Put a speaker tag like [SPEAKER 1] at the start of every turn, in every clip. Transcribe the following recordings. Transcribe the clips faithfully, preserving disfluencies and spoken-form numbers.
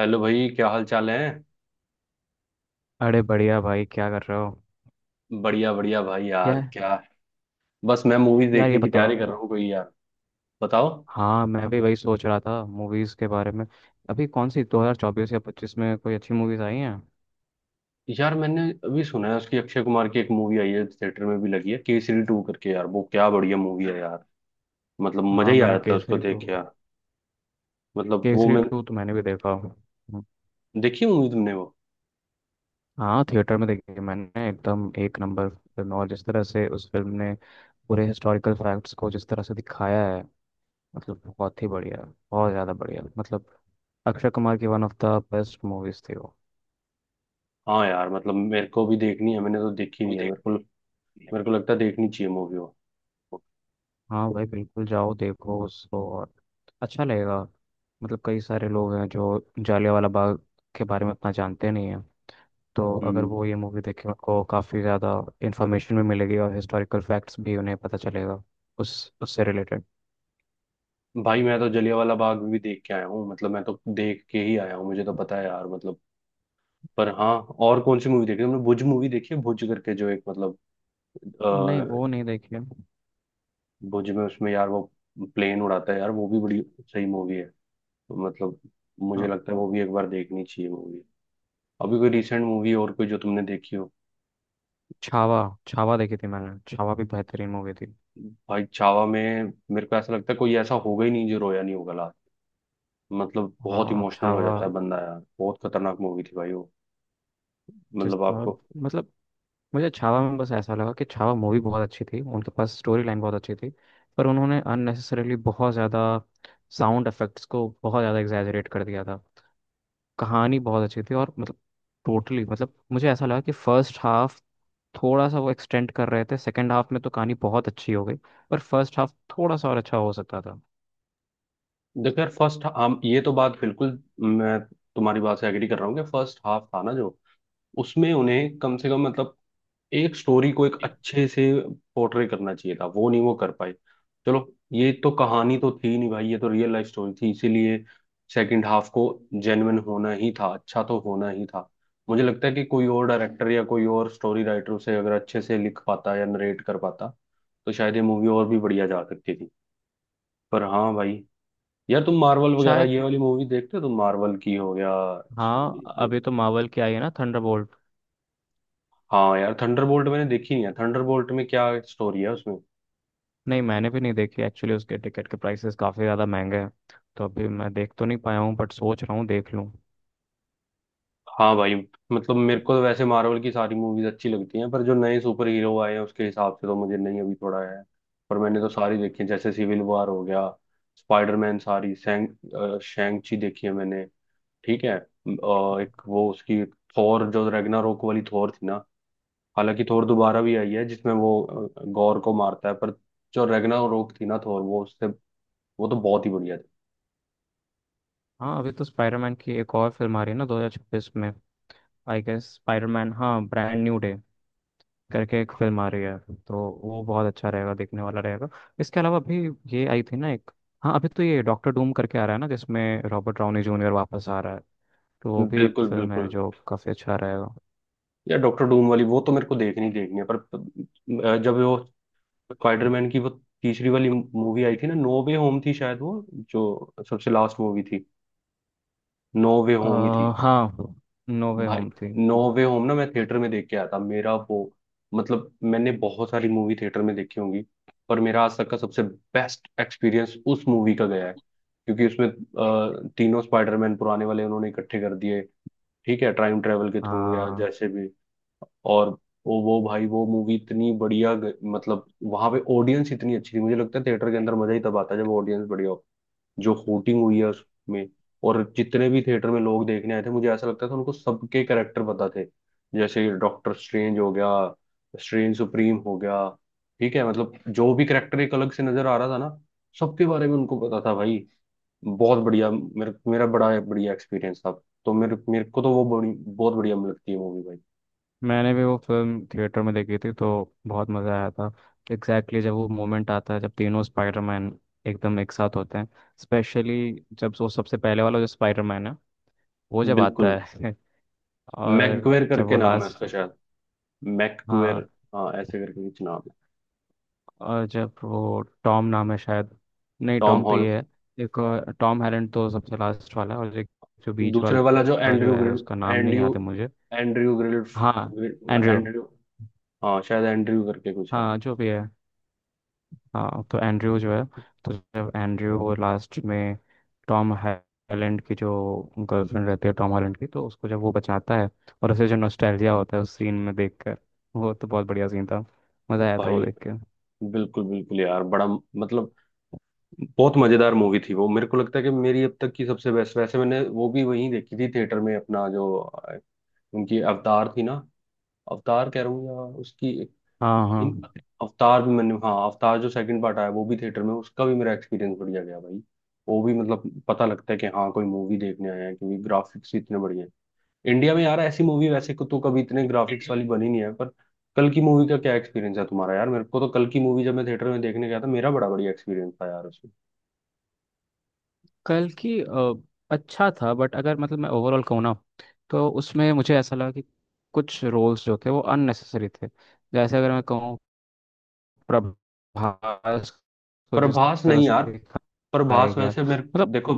[SPEAKER 1] Hello भाई क्या हाल चाल है?
[SPEAKER 2] अरे बढ़िया भाई, क्या कर रहे हो।
[SPEAKER 1] बढ़िया बढ़िया भाई यार
[SPEAKER 2] यार,
[SPEAKER 1] क्या। बस मैं मूवी
[SPEAKER 2] यार ये
[SPEAKER 1] देखने की तैयारी कर रहा
[SPEAKER 2] बताओ।
[SPEAKER 1] हूँ कोई यार बताओ।
[SPEAKER 2] हाँ मैं भी वही सोच रहा था मूवीज़ के बारे में। अभी कौन सी दो हज़ार चौबीस या पच्चीस में कोई अच्छी मूवीज़ आई हैं।
[SPEAKER 1] यार मैंने अभी सुना है उसकी अक्षय कुमार की एक मूवी आई है थिएटर में भी लगी है केसरी टू करके यार वो क्या बढ़िया मूवी है यार। मतलब मजा
[SPEAKER 2] हाँ
[SPEAKER 1] ही आ
[SPEAKER 2] मैंने
[SPEAKER 1] जाता है उसको
[SPEAKER 2] केसरी
[SPEAKER 1] देख
[SPEAKER 2] टू।
[SPEAKER 1] के यार। मतलब वो
[SPEAKER 2] केसरी
[SPEAKER 1] मैं
[SPEAKER 2] टू तो मैंने भी देखा। हम्म,
[SPEAKER 1] देखी मूवी तुमने वो?
[SPEAKER 2] हाँ थिएटर में देखी है मैंने। एकदम एक नंबर फिल्म, और जिस तरह से उस फिल्म ने पूरे हिस्टोरिकल फैक्ट्स को जिस तरह से दिखाया है, मतलब बहुत ही बढ़िया। बहुत ज़्यादा बढ़िया। मतलब अक्षय कुमार की one of the best movies थी वो।
[SPEAKER 1] हाँ यार मतलब मेरे को भी देखनी है मैंने तो देखी
[SPEAKER 2] वो
[SPEAKER 1] नहीं
[SPEAKER 2] भी
[SPEAKER 1] है मेरे को।
[SPEAKER 2] देखते हैं।
[SPEAKER 1] मेरे को लगता है देखनी चाहिए मूवी वो।
[SPEAKER 2] हाँ भाई बिल्कुल, जाओ देखो उसको, और अच्छा लगेगा। मतलब कई सारे लोग हैं जो जालियांवाला बाग के बारे में उतना जानते नहीं हैं। तो अगर
[SPEAKER 1] हम्म।
[SPEAKER 2] वो ये मूवी देखें, उनको काफ़ी ज़्यादा इन्फॉर्मेशन भी मिलेगी और हिस्टोरिकल फैक्ट्स भी उन्हें पता चलेगा उस उससे रिलेटेड।
[SPEAKER 1] भाई मैं तो जलियांवाला बाग भी देख के आया हूँ मतलब मैं तो देख के ही आया हूँ मुझे तो पता है यार मतलब पर हाँ। और कौन सी मूवी देखी हमने भुज मूवी देखी है भुज करके जो एक मतलब
[SPEAKER 2] नहीं
[SPEAKER 1] अ,
[SPEAKER 2] वो नहीं देखी है।
[SPEAKER 1] भुज में उसमें यार वो प्लेन उड़ाता है यार वो भी बड़ी सही मूवी है। मतलब मुझे
[SPEAKER 2] हाँ
[SPEAKER 1] लगता है वो भी एक बार देखनी चाहिए मूवी। अभी कोई रिसेंट मूवी और कोई जो तुमने देखी हो?
[SPEAKER 2] छावा। छावा देखी थी मैंने। छावा भी बेहतरीन मूवी थी।
[SPEAKER 1] भाई छावा में मेरे को ऐसा लगता है कोई ऐसा होगा ही नहीं जो रोया नहीं होगा लास्ट। मतलब बहुत
[SPEAKER 2] हाँ
[SPEAKER 1] इमोशनल हो
[SPEAKER 2] छावा
[SPEAKER 1] जाता है बंदा यार बहुत खतरनाक मूवी थी भाई वो।
[SPEAKER 2] जिस
[SPEAKER 1] मतलब
[SPEAKER 2] तरह,
[SPEAKER 1] आपको
[SPEAKER 2] मतलब मुझे छावा में बस ऐसा लगा कि छावा मूवी बहुत अच्छी थी, उनके पास स्टोरी लाइन बहुत अच्छी थी। पर उन्होंने अननेसेसरीली बहुत ज़्यादा साउंड इफेक्ट्स को बहुत ज़्यादा एग्जैजरेट कर दिया था। कहानी बहुत अच्छी थी और मतलब टोटली, मतलब मुझे ऐसा लगा कि फर्स्ट हाफ थोड़ा सा वो एक्सटेंड कर रहे थे। सेकेंड हाफ में तो कहानी बहुत अच्छी हो गई, पर फर्स्ट हाफ थोड़ा सा और अच्छा हो सकता था।
[SPEAKER 1] देखो यार फर्स्ट हम ये तो बात बिल्कुल मैं तुम्हारी बात से एग्री कर रहा हूँ कि फर्स्ट हाफ था ना जो उसमें उन्हें कम से कम मतलब एक स्टोरी को एक अच्छे से पोर्ट्रे करना चाहिए था वो नहीं वो कर पाए। चलो। ये तो कहानी तो थी नहीं भाई ये तो रियल लाइफ स्टोरी थी इसीलिए सेकंड हाफ को जेन्युइन होना ही था अच्छा तो होना ही था। मुझे लगता है कि कोई और डायरेक्टर या कोई और स्टोरी राइटर उसे अगर अच्छे से लिख पाता या नरेट कर पाता तो शायद ये मूवी और भी बढ़िया जा सकती थी। पर हाँ भाई। यार तुम मार्वल वगैरह ये
[SPEAKER 2] शायद।
[SPEAKER 1] वाली मूवी देखते हो तुम मार्वल की हो या?
[SPEAKER 2] हाँ अभी तो मार्वल की आई है ना थंडर।
[SPEAKER 1] हाँ यार थंडरबोल्ट मैंने देखी नहीं है थंडरबोल्ट में क्या स्टोरी है उसमें?
[SPEAKER 2] नहीं मैंने भी नहीं देखी एक्चुअली, उसके टिकट के प्राइसेस काफ़ी ज़्यादा महंगे हैं। तो अभी मैं देख तो नहीं पाया हूँ, बट सोच रहा हूँ देख लूँ।
[SPEAKER 1] हाँ भाई। मतलब मेरे को तो वैसे मार्वल की सारी मूवीज अच्छी लगती हैं पर जो नए सुपर हीरो आए हैं उसके हिसाब से तो मुझे नहीं अभी थोड़ा है। पर मैंने तो सारी देखी है जैसे सिविल वॉर हो गया स्पाइडरमैन सारी शैंक शैंक ची देखी है मैंने। ठीक है अ, एक वो उसकी थोर जो रैग्नारोक वाली थोर थी ना। हालांकि थोर दोबारा भी आई है जिसमें वो अ, गॉर को मारता है पर जो रैग्नारोक थी ना थोर वो उससे वो तो बहुत ही बढ़िया थी।
[SPEAKER 2] हाँ अभी तो स्पाइडरमैन की एक और फिल्म आ रही है ना दो हज़ार छब्बीस में। आई गेस स्पाइडरमैन हाँ ब्रांड न्यू डे करके एक फिल्म आ रही है। तो वो बहुत अच्छा रहेगा, देखने वाला रहेगा। इसके अलावा अभी ये आई थी ना एक, हाँ अभी तो ये डॉक्टर डूम करके आ रहा है ना, जिसमें रॉबर्ट डाउनी जूनियर वापस आ रहा है। तो वो भी एक
[SPEAKER 1] बिल्कुल
[SPEAKER 2] फिल्म है
[SPEAKER 1] बिल्कुल।
[SPEAKER 2] जो काफ़ी अच्छा रहेगा।
[SPEAKER 1] या डॉक्टर डूम वाली वो तो मेरे को देखनी देखनी है पर पर, अ, जब वो स्पाइडरमैन की वो तीसरी वाली मूवी आई थी ना नो वे होम थी शायद वो जो सबसे लास्ट मूवी थी नो वे
[SPEAKER 2] अ,
[SPEAKER 1] होम ही थी।
[SPEAKER 2] हाँ नो वे
[SPEAKER 1] भाई
[SPEAKER 2] होम थी।
[SPEAKER 1] नो वे होम ना मैं थिएटर में देख के आया था मेरा वो मतलब मैंने बहुत सारी मूवी थिएटर में देखी होंगी पर मेरा आज तक का सबसे बेस्ट एक्सपीरियंस उस मूवी का गया है क्योंकि उसमें अ, तीनों स्पाइडरमैन पुराने वाले उन्होंने इकट्ठे कर दिए। ठीक है टाइम ट्रेवल के थ्रू या
[SPEAKER 2] हाँ
[SPEAKER 1] जैसे भी। और वो वो भाई वो मूवी इतनी बढ़िया ग- मतलब वहां पे ऑडियंस इतनी अच्छी थी मुझे लगता है थिएटर के अंदर मजा ही तब आता है जब ऑडियंस बढ़िया हो। जो हूटिंग हुई है उसमें और जितने भी थिएटर में लोग देखने आए थे मुझे ऐसा लगता था उनको सबके कैरेक्टर पता थे जैसे डॉक्टर स्ट्रेंज हो गया स्ट्रेंज सुप्रीम हो गया। ठीक है मतलब जो भी कैरेक्टर एक अलग से नजर आ रहा था ना सबके बारे में उनको पता था भाई। बहुत बढ़िया मेरे मेरा बड़ा बढ़िया एक्सपीरियंस था। तो मेरे मेरे को तो वो बड़ी बहुत बढ़िया लगती है मूवी भाई।
[SPEAKER 2] मैंने भी वो फिल्म थिएटर में देखी थी, तो बहुत मज़ा आया था। एग्जैक्टली exactly जब वो मोमेंट आता है जब तीनों स्पाइडरमैन एकदम एक साथ होते हैं। स्पेशली जब वो सबसे पहले वाला जो स्पाइडरमैन है वो जब आता
[SPEAKER 1] बिल्कुल।
[SPEAKER 2] है। और
[SPEAKER 1] मैकगुएर
[SPEAKER 2] जब
[SPEAKER 1] करके
[SPEAKER 2] वो
[SPEAKER 1] नाम है
[SPEAKER 2] लास्ट,
[SPEAKER 1] उसका शायद
[SPEAKER 2] हाँ,
[SPEAKER 1] मैकगुएर। हाँ ऐसे करके कुछ नाम है।
[SPEAKER 2] और जब वो टॉम, नाम है शायद, नहीं
[SPEAKER 1] टॉम
[SPEAKER 2] टॉम तो
[SPEAKER 1] हॉल।
[SPEAKER 2] ये है, एक और- टॉम हैरेंड तो सबसे लास्ट वाला है, और एक जो बीच
[SPEAKER 1] दूसरे वाला जो
[SPEAKER 2] वाला जो
[SPEAKER 1] एंड्रयू
[SPEAKER 2] है
[SPEAKER 1] ग्रिल
[SPEAKER 2] उसका नाम नहीं
[SPEAKER 1] एंड्रयू
[SPEAKER 2] याद है मुझे।
[SPEAKER 1] एंड्रयू ग्रिल
[SPEAKER 2] हाँ एंड्रयू।
[SPEAKER 1] एंड्रयू। हाँ शायद एंड्रयू करके कुछ है।
[SPEAKER 2] हाँ जो भी है। हाँ तो एंड्रयू जो है, तो जब एंड्रयू वो लास्ट में टॉम हॉलैंड की जो गर्लफ्रेंड रहती है टॉम हॉलैंड की, तो उसको जब वो बचाता है और उसे जो नॉस्टैल्जिया होता है उस सीन में देखकर, वो तो बहुत बढ़िया सीन था। मज़ा आया था वो
[SPEAKER 1] भाई
[SPEAKER 2] देख के।
[SPEAKER 1] बिल्कुल बिल्कुल यार बड़ा मतलब बहुत मजेदार मूवी थी वो मेरे को लगता है कि मेरी अब तक की सबसे बेस्ट वैसे मैंने वो भी वहीं देखी थी थिएटर में अपना जो अ, उनकी अवतार थी ना। अवतार कह रहा हूँ या उसकी एक-
[SPEAKER 2] हाँ
[SPEAKER 1] इन
[SPEAKER 2] हाँ,
[SPEAKER 1] अवतार भी मैंने हाँ अवतार जो सेकंड पार्ट आया वो भी थिएटर में उसका भी मेरा एक्सपीरियंस बढ़िया गया भाई। वो भी मतलब पता लगता है कि हाँ कोई मूवी देखने आए हैं क्योंकि ग्राफिक्स इतने बढ़िया हैं। इंडिया में यार ऐसी मूवी वैसे को तो कभी इतने ग्राफिक्स वाली बनी नहीं है पर कल की मूवी का क्या एक्सपीरियंस है तुम्हारा? यार मेरे को तो कल की मूवी जब मैं थिएटर में देखने गया था मेरा बड़ा बढ़िया एक्सपीरियंस था यार उसमें।
[SPEAKER 2] कल की, अ, अच्छा था, बट अगर मतलब मैं ओवरऑल कहूँ ना, तो उसमें मुझे ऐसा लगा कि कुछ रोल्स जो थे वो अननेसेसरी थे। जैसे अगर मैं कहूँ, प्रभास को जिस
[SPEAKER 1] प्रभास
[SPEAKER 2] तरह
[SPEAKER 1] नहीं
[SPEAKER 2] से
[SPEAKER 1] यार
[SPEAKER 2] दिखाया
[SPEAKER 1] प्रभास
[SPEAKER 2] गया,
[SPEAKER 1] वैसे मेरे
[SPEAKER 2] मतलब
[SPEAKER 1] देखो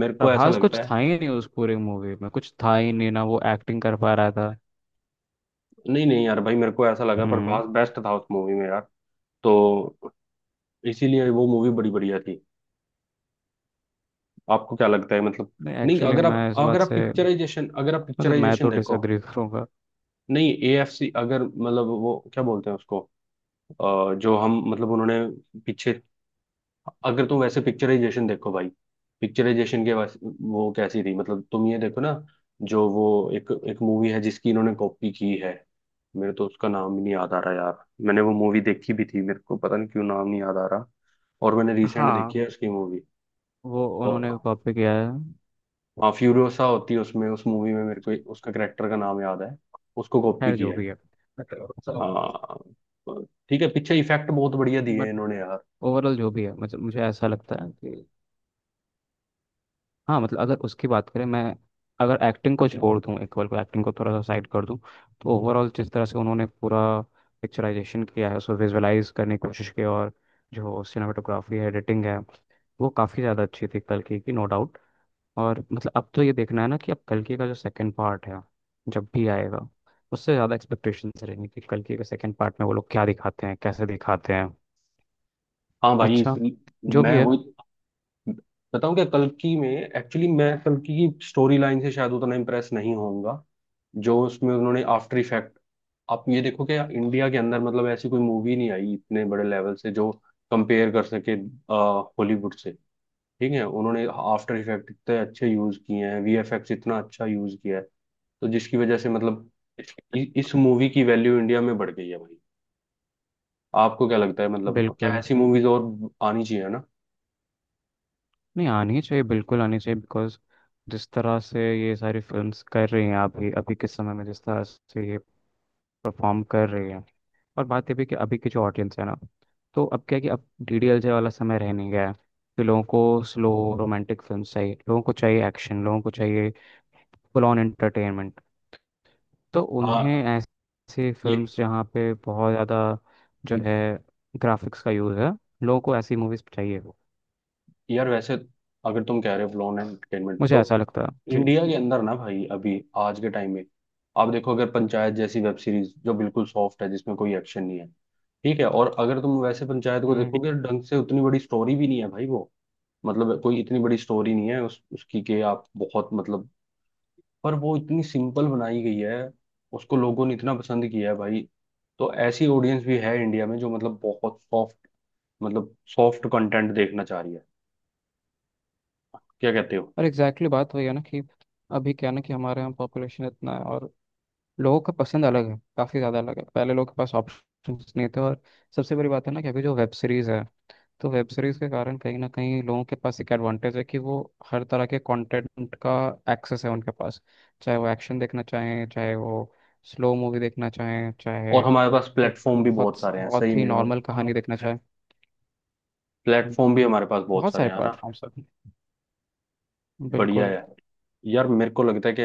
[SPEAKER 1] मेरे को ऐसा लगता
[SPEAKER 2] कुछ था
[SPEAKER 1] है।
[SPEAKER 2] ही नहीं उस पूरी मूवी में, कुछ था ही नहीं, ना वो एक्टिंग कर पा रहा था।
[SPEAKER 1] नहीं नहीं यार भाई मेरे को ऐसा लगा
[SPEAKER 2] हम्म,
[SPEAKER 1] प्रभास बेस्ट था उस मूवी में यार। तो इसीलिए वो मूवी बड़ी बढ़िया थी। आपको क्या लगता है मतलब?
[SPEAKER 2] नहीं
[SPEAKER 1] नहीं
[SPEAKER 2] एक्चुअली,
[SPEAKER 1] अगर आप
[SPEAKER 2] मैं इस बात
[SPEAKER 1] अगर आप
[SPEAKER 2] से,
[SPEAKER 1] पिक्चराइजेशन अगर आप
[SPEAKER 2] मतलब मैं
[SPEAKER 1] पिक्चराइजेशन
[SPEAKER 2] तो
[SPEAKER 1] देखो।
[SPEAKER 2] डिसएग्री करूंगा।
[SPEAKER 1] नहीं एएफसी अगर मतलब वो क्या बोलते हैं उसको अ, जो हम मतलब उन्होंने पीछे। अगर तुम वैसे पिक्चराइजेशन देखो भाई पिक्चराइजेशन के वैसे वो कैसी थी मतलब तुम ये देखो ना जो वो एक एक मूवी है जिसकी इन्होंने कॉपी की है। मेरे तो उसका नाम ही नहीं याद आ रहा यार मैंने वो मूवी देखी भी थी मेरे को पता नहीं क्यों नाम नहीं याद आ रहा। और मैंने रिसेंट
[SPEAKER 2] हाँ
[SPEAKER 1] देखी है उसकी
[SPEAKER 2] वो उन्होंने
[SPEAKER 1] मूवी।
[SPEAKER 2] कॉपी किया है।
[SPEAKER 1] हाँ फ्यूरियोसा होती है उसमें उस मूवी में मेरे को उसका करेक्टर का नाम याद है उसको कॉपी
[SPEAKER 2] खैर जो
[SPEAKER 1] किया है।
[SPEAKER 2] भी है।
[SPEAKER 1] हाँ ठीक है पीछे इफेक्ट बहुत बढ़िया दिए हैं
[SPEAKER 2] बट
[SPEAKER 1] इन्होंने यार।
[SPEAKER 2] ओवरऑल जो भी है, मतलब मुझे ऐसा लगता है कि, हाँ मतलब अगर उसकी बात करें, मैं अगर एक्टिंग को छोड़ दूँ, एक बार को एक्टिंग को थोड़ा सा साइड कर दूँ, तो ओवरऑल जिस तरह से उन्होंने पूरा पिक्चराइजेशन किया है, उसको विजुअलाइज करने की कोशिश की, और जो सिनेमाटोग्राफी है, एडिटिंग है, वो काफ़ी ज़्यादा अच्छी थी कल की की नो डाउट। और मतलब अब तो ये देखना है ना कि अब कल की का जो सेकंड पार्ट है, जब भी आएगा, उससे ज़्यादा एक्सपेक्टेशंस रहेंगी कि कल की के सेकंड पार्ट में वो लोग क्या दिखाते हैं, कैसे दिखाते हैं।
[SPEAKER 1] हाँ भाई
[SPEAKER 2] अच्छा, जो
[SPEAKER 1] मैं
[SPEAKER 2] भी है।
[SPEAKER 1] वो बताऊं क्या कल्कि में एक्चुअली मैं कल्कि की स्टोरी लाइन से शायद उतना इम्प्रेस नहीं होऊंगा। जो उसमें उन्होंने आफ्टर इफेक्ट आप ये देखो कि इंडिया के अंदर मतलब ऐसी कोई मूवी नहीं आई इतने बड़े लेवल से जो कंपेयर कर सके हॉलीवुड से। ठीक है उन्होंने आफ्टर इफेक्ट इतने अच्छे यूज किए हैं वीएफएक्स इतना अच्छा यूज किया है तो जिसकी वजह से मतलब इ, इस मूवी की वैल्यू इंडिया में बढ़ गई है भाई। आपको क्या लगता है मतलब क्या
[SPEAKER 2] बिल्कुल,
[SPEAKER 1] ऐसी मूवीज और आनी चाहिए ना?
[SPEAKER 2] नहीं आनी चाहिए, बिल्कुल आनी चाहिए, बिकॉज जिस तरह से ये सारी फिल्म्स कर रही हैं अभी, अभी के समय में जिस तरह से ये परफॉर्म कर रही हैं, और बात ये भी कि अभी की जो ऑडियंस है ना, तो अब क्या है कि अब डी डी एल जे वाला समय रह नहीं गया है। तो लोगों को स्लो रोमांटिक फिल्म चाहिए, लोगों को चाहिए एक्शन, लोगों को चाहिए फुल ऑन एंटरटेनमेंट। तो
[SPEAKER 1] हाँ
[SPEAKER 2] उन्हें ऐसी
[SPEAKER 1] ये
[SPEAKER 2] फिल्म्स जहाँ पे बहुत ज़्यादा जो है ग्राफिक्स का यूज़ है, लोगों को ऐसी मूवीज़ चाहिए।
[SPEAKER 1] यार वैसे अगर तुम कह रहे हो फ्लॉन एंटरटेनमेंट
[SPEAKER 2] मुझे
[SPEAKER 1] तो
[SPEAKER 2] ऐसा लगता है। जी।
[SPEAKER 1] इंडिया के अंदर ना भाई अभी आज के टाइम में आप देखो अगर पंचायत जैसी वेब सीरीज जो बिल्कुल सॉफ्ट है जिसमें कोई एक्शन नहीं है। ठीक है और अगर तुम वैसे पंचायत को
[SPEAKER 2] हम्म,
[SPEAKER 1] देखोगे ढंग से उतनी बड़ी स्टोरी भी नहीं है भाई वो। मतलब कोई इतनी बड़ी स्टोरी नहीं है उस उसकी कि आप बहुत मतलब पर वो इतनी सिंपल बनाई गई है उसको लोगों ने इतना पसंद किया है भाई। तो ऐसी ऑडियंस भी है इंडिया में जो मतलब बहुत सॉफ्ट मतलब सॉफ्ट कंटेंट देखना चाह रही है। क्या कहते हो?
[SPEAKER 2] और एग्जैक्टली exactly बात वही है ना कि, अभी क्या है ना कि हमारे यहाँ पॉपुलेशन इतना है, और लोगों का पसंद अलग है, काफ़ी ज़्यादा अलग है। पहले लोगों के पास ऑप्शंस नहीं थे, और सबसे बड़ी बात है ना कि अभी जो वेब सीरीज़ है, तो वेब सीरीज़ के कारण कहीं ना कहीं लोगों के पास एक एडवांटेज है कि वो हर तरह के कंटेंट का एक्सेस है उनके पास। चाहे वो एक्शन देखना चाहें, चाहे वो स्लो मूवी देखना चाहें, चाहे
[SPEAKER 1] और हमारे पास
[SPEAKER 2] एक
[SPEAKER 1] प्लेटफॉर्म भी बहुत
[SPEAKER 2] बहुत
[SPEAKER 1] सारे हैं सही
[SPEAKER 2] बहुत ही
[SPEAKER 1] में और
[SPEAKER 2] नॉर्मल कहानी देखना चाहें।
[SPEAKER 1] प्लेटफॉर्म भी हमारे पास बहुत
[SPEAKER 2] बहुत
[SPEAKER 1] सारे
[SPEAKER 2] सारे
[SPEAKER 1] हैं है ना।
[SPEAKER 2] प्लेटफॉर्म्स हैं,
[SPEAKER 1] बढ़िया
[SPEAKER 2] बिल्कुल।
[SPEAKER 1] है। यार मेरे को लगता है कि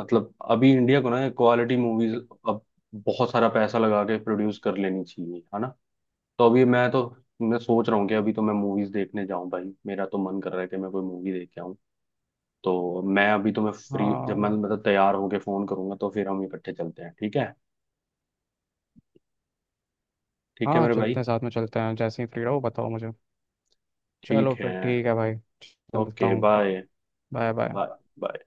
[SPEAKER 1] मतलब अभी इंडिया को ना क्वालिटी मूवीज अब बहुत सारा पैसा लगा के प्रोड्यूस कर लेनी चाहिए है ना। तो अभी मैं तो मैं सोच रहा हूँ कि अभी तो मैं मूवीज देखने जाऊं भाई मेरा तो मन कर रहा है कि मैं कोई मूवी देख के आऊं। तो मैं अभी तो मैं फ्री जब मैं
[SPEAKER 2] हाँ
[SPEAKER 1] मतलब तैयार होके फोन करूंगा तो फिर हम इकट्ठे चलते हैं ठीक है। ठीक है
[SPEAKER 2] हाँ
[SPEAKER 1] मेरे
[SPEAKER 2] चलते
[SPEAKER 1] भाई।
[SPEAKER 2] हैं, साथ में चलते हैं, जैसे ही फ्री रहो बताओ मुझे।
[SPEAKER 1] ठीक
[SPEAKER 2] चलो फिर
[SPEAKER 1] है
[SPEAKER 2] ठीक है भाई, चलता
[SPEAKER 1] ओके
[SPEAKER 2] हूँ।
[SPEAKER 1] Bye
[SPEAKER 2] bye bye.
[SPEAKER 1] बाय।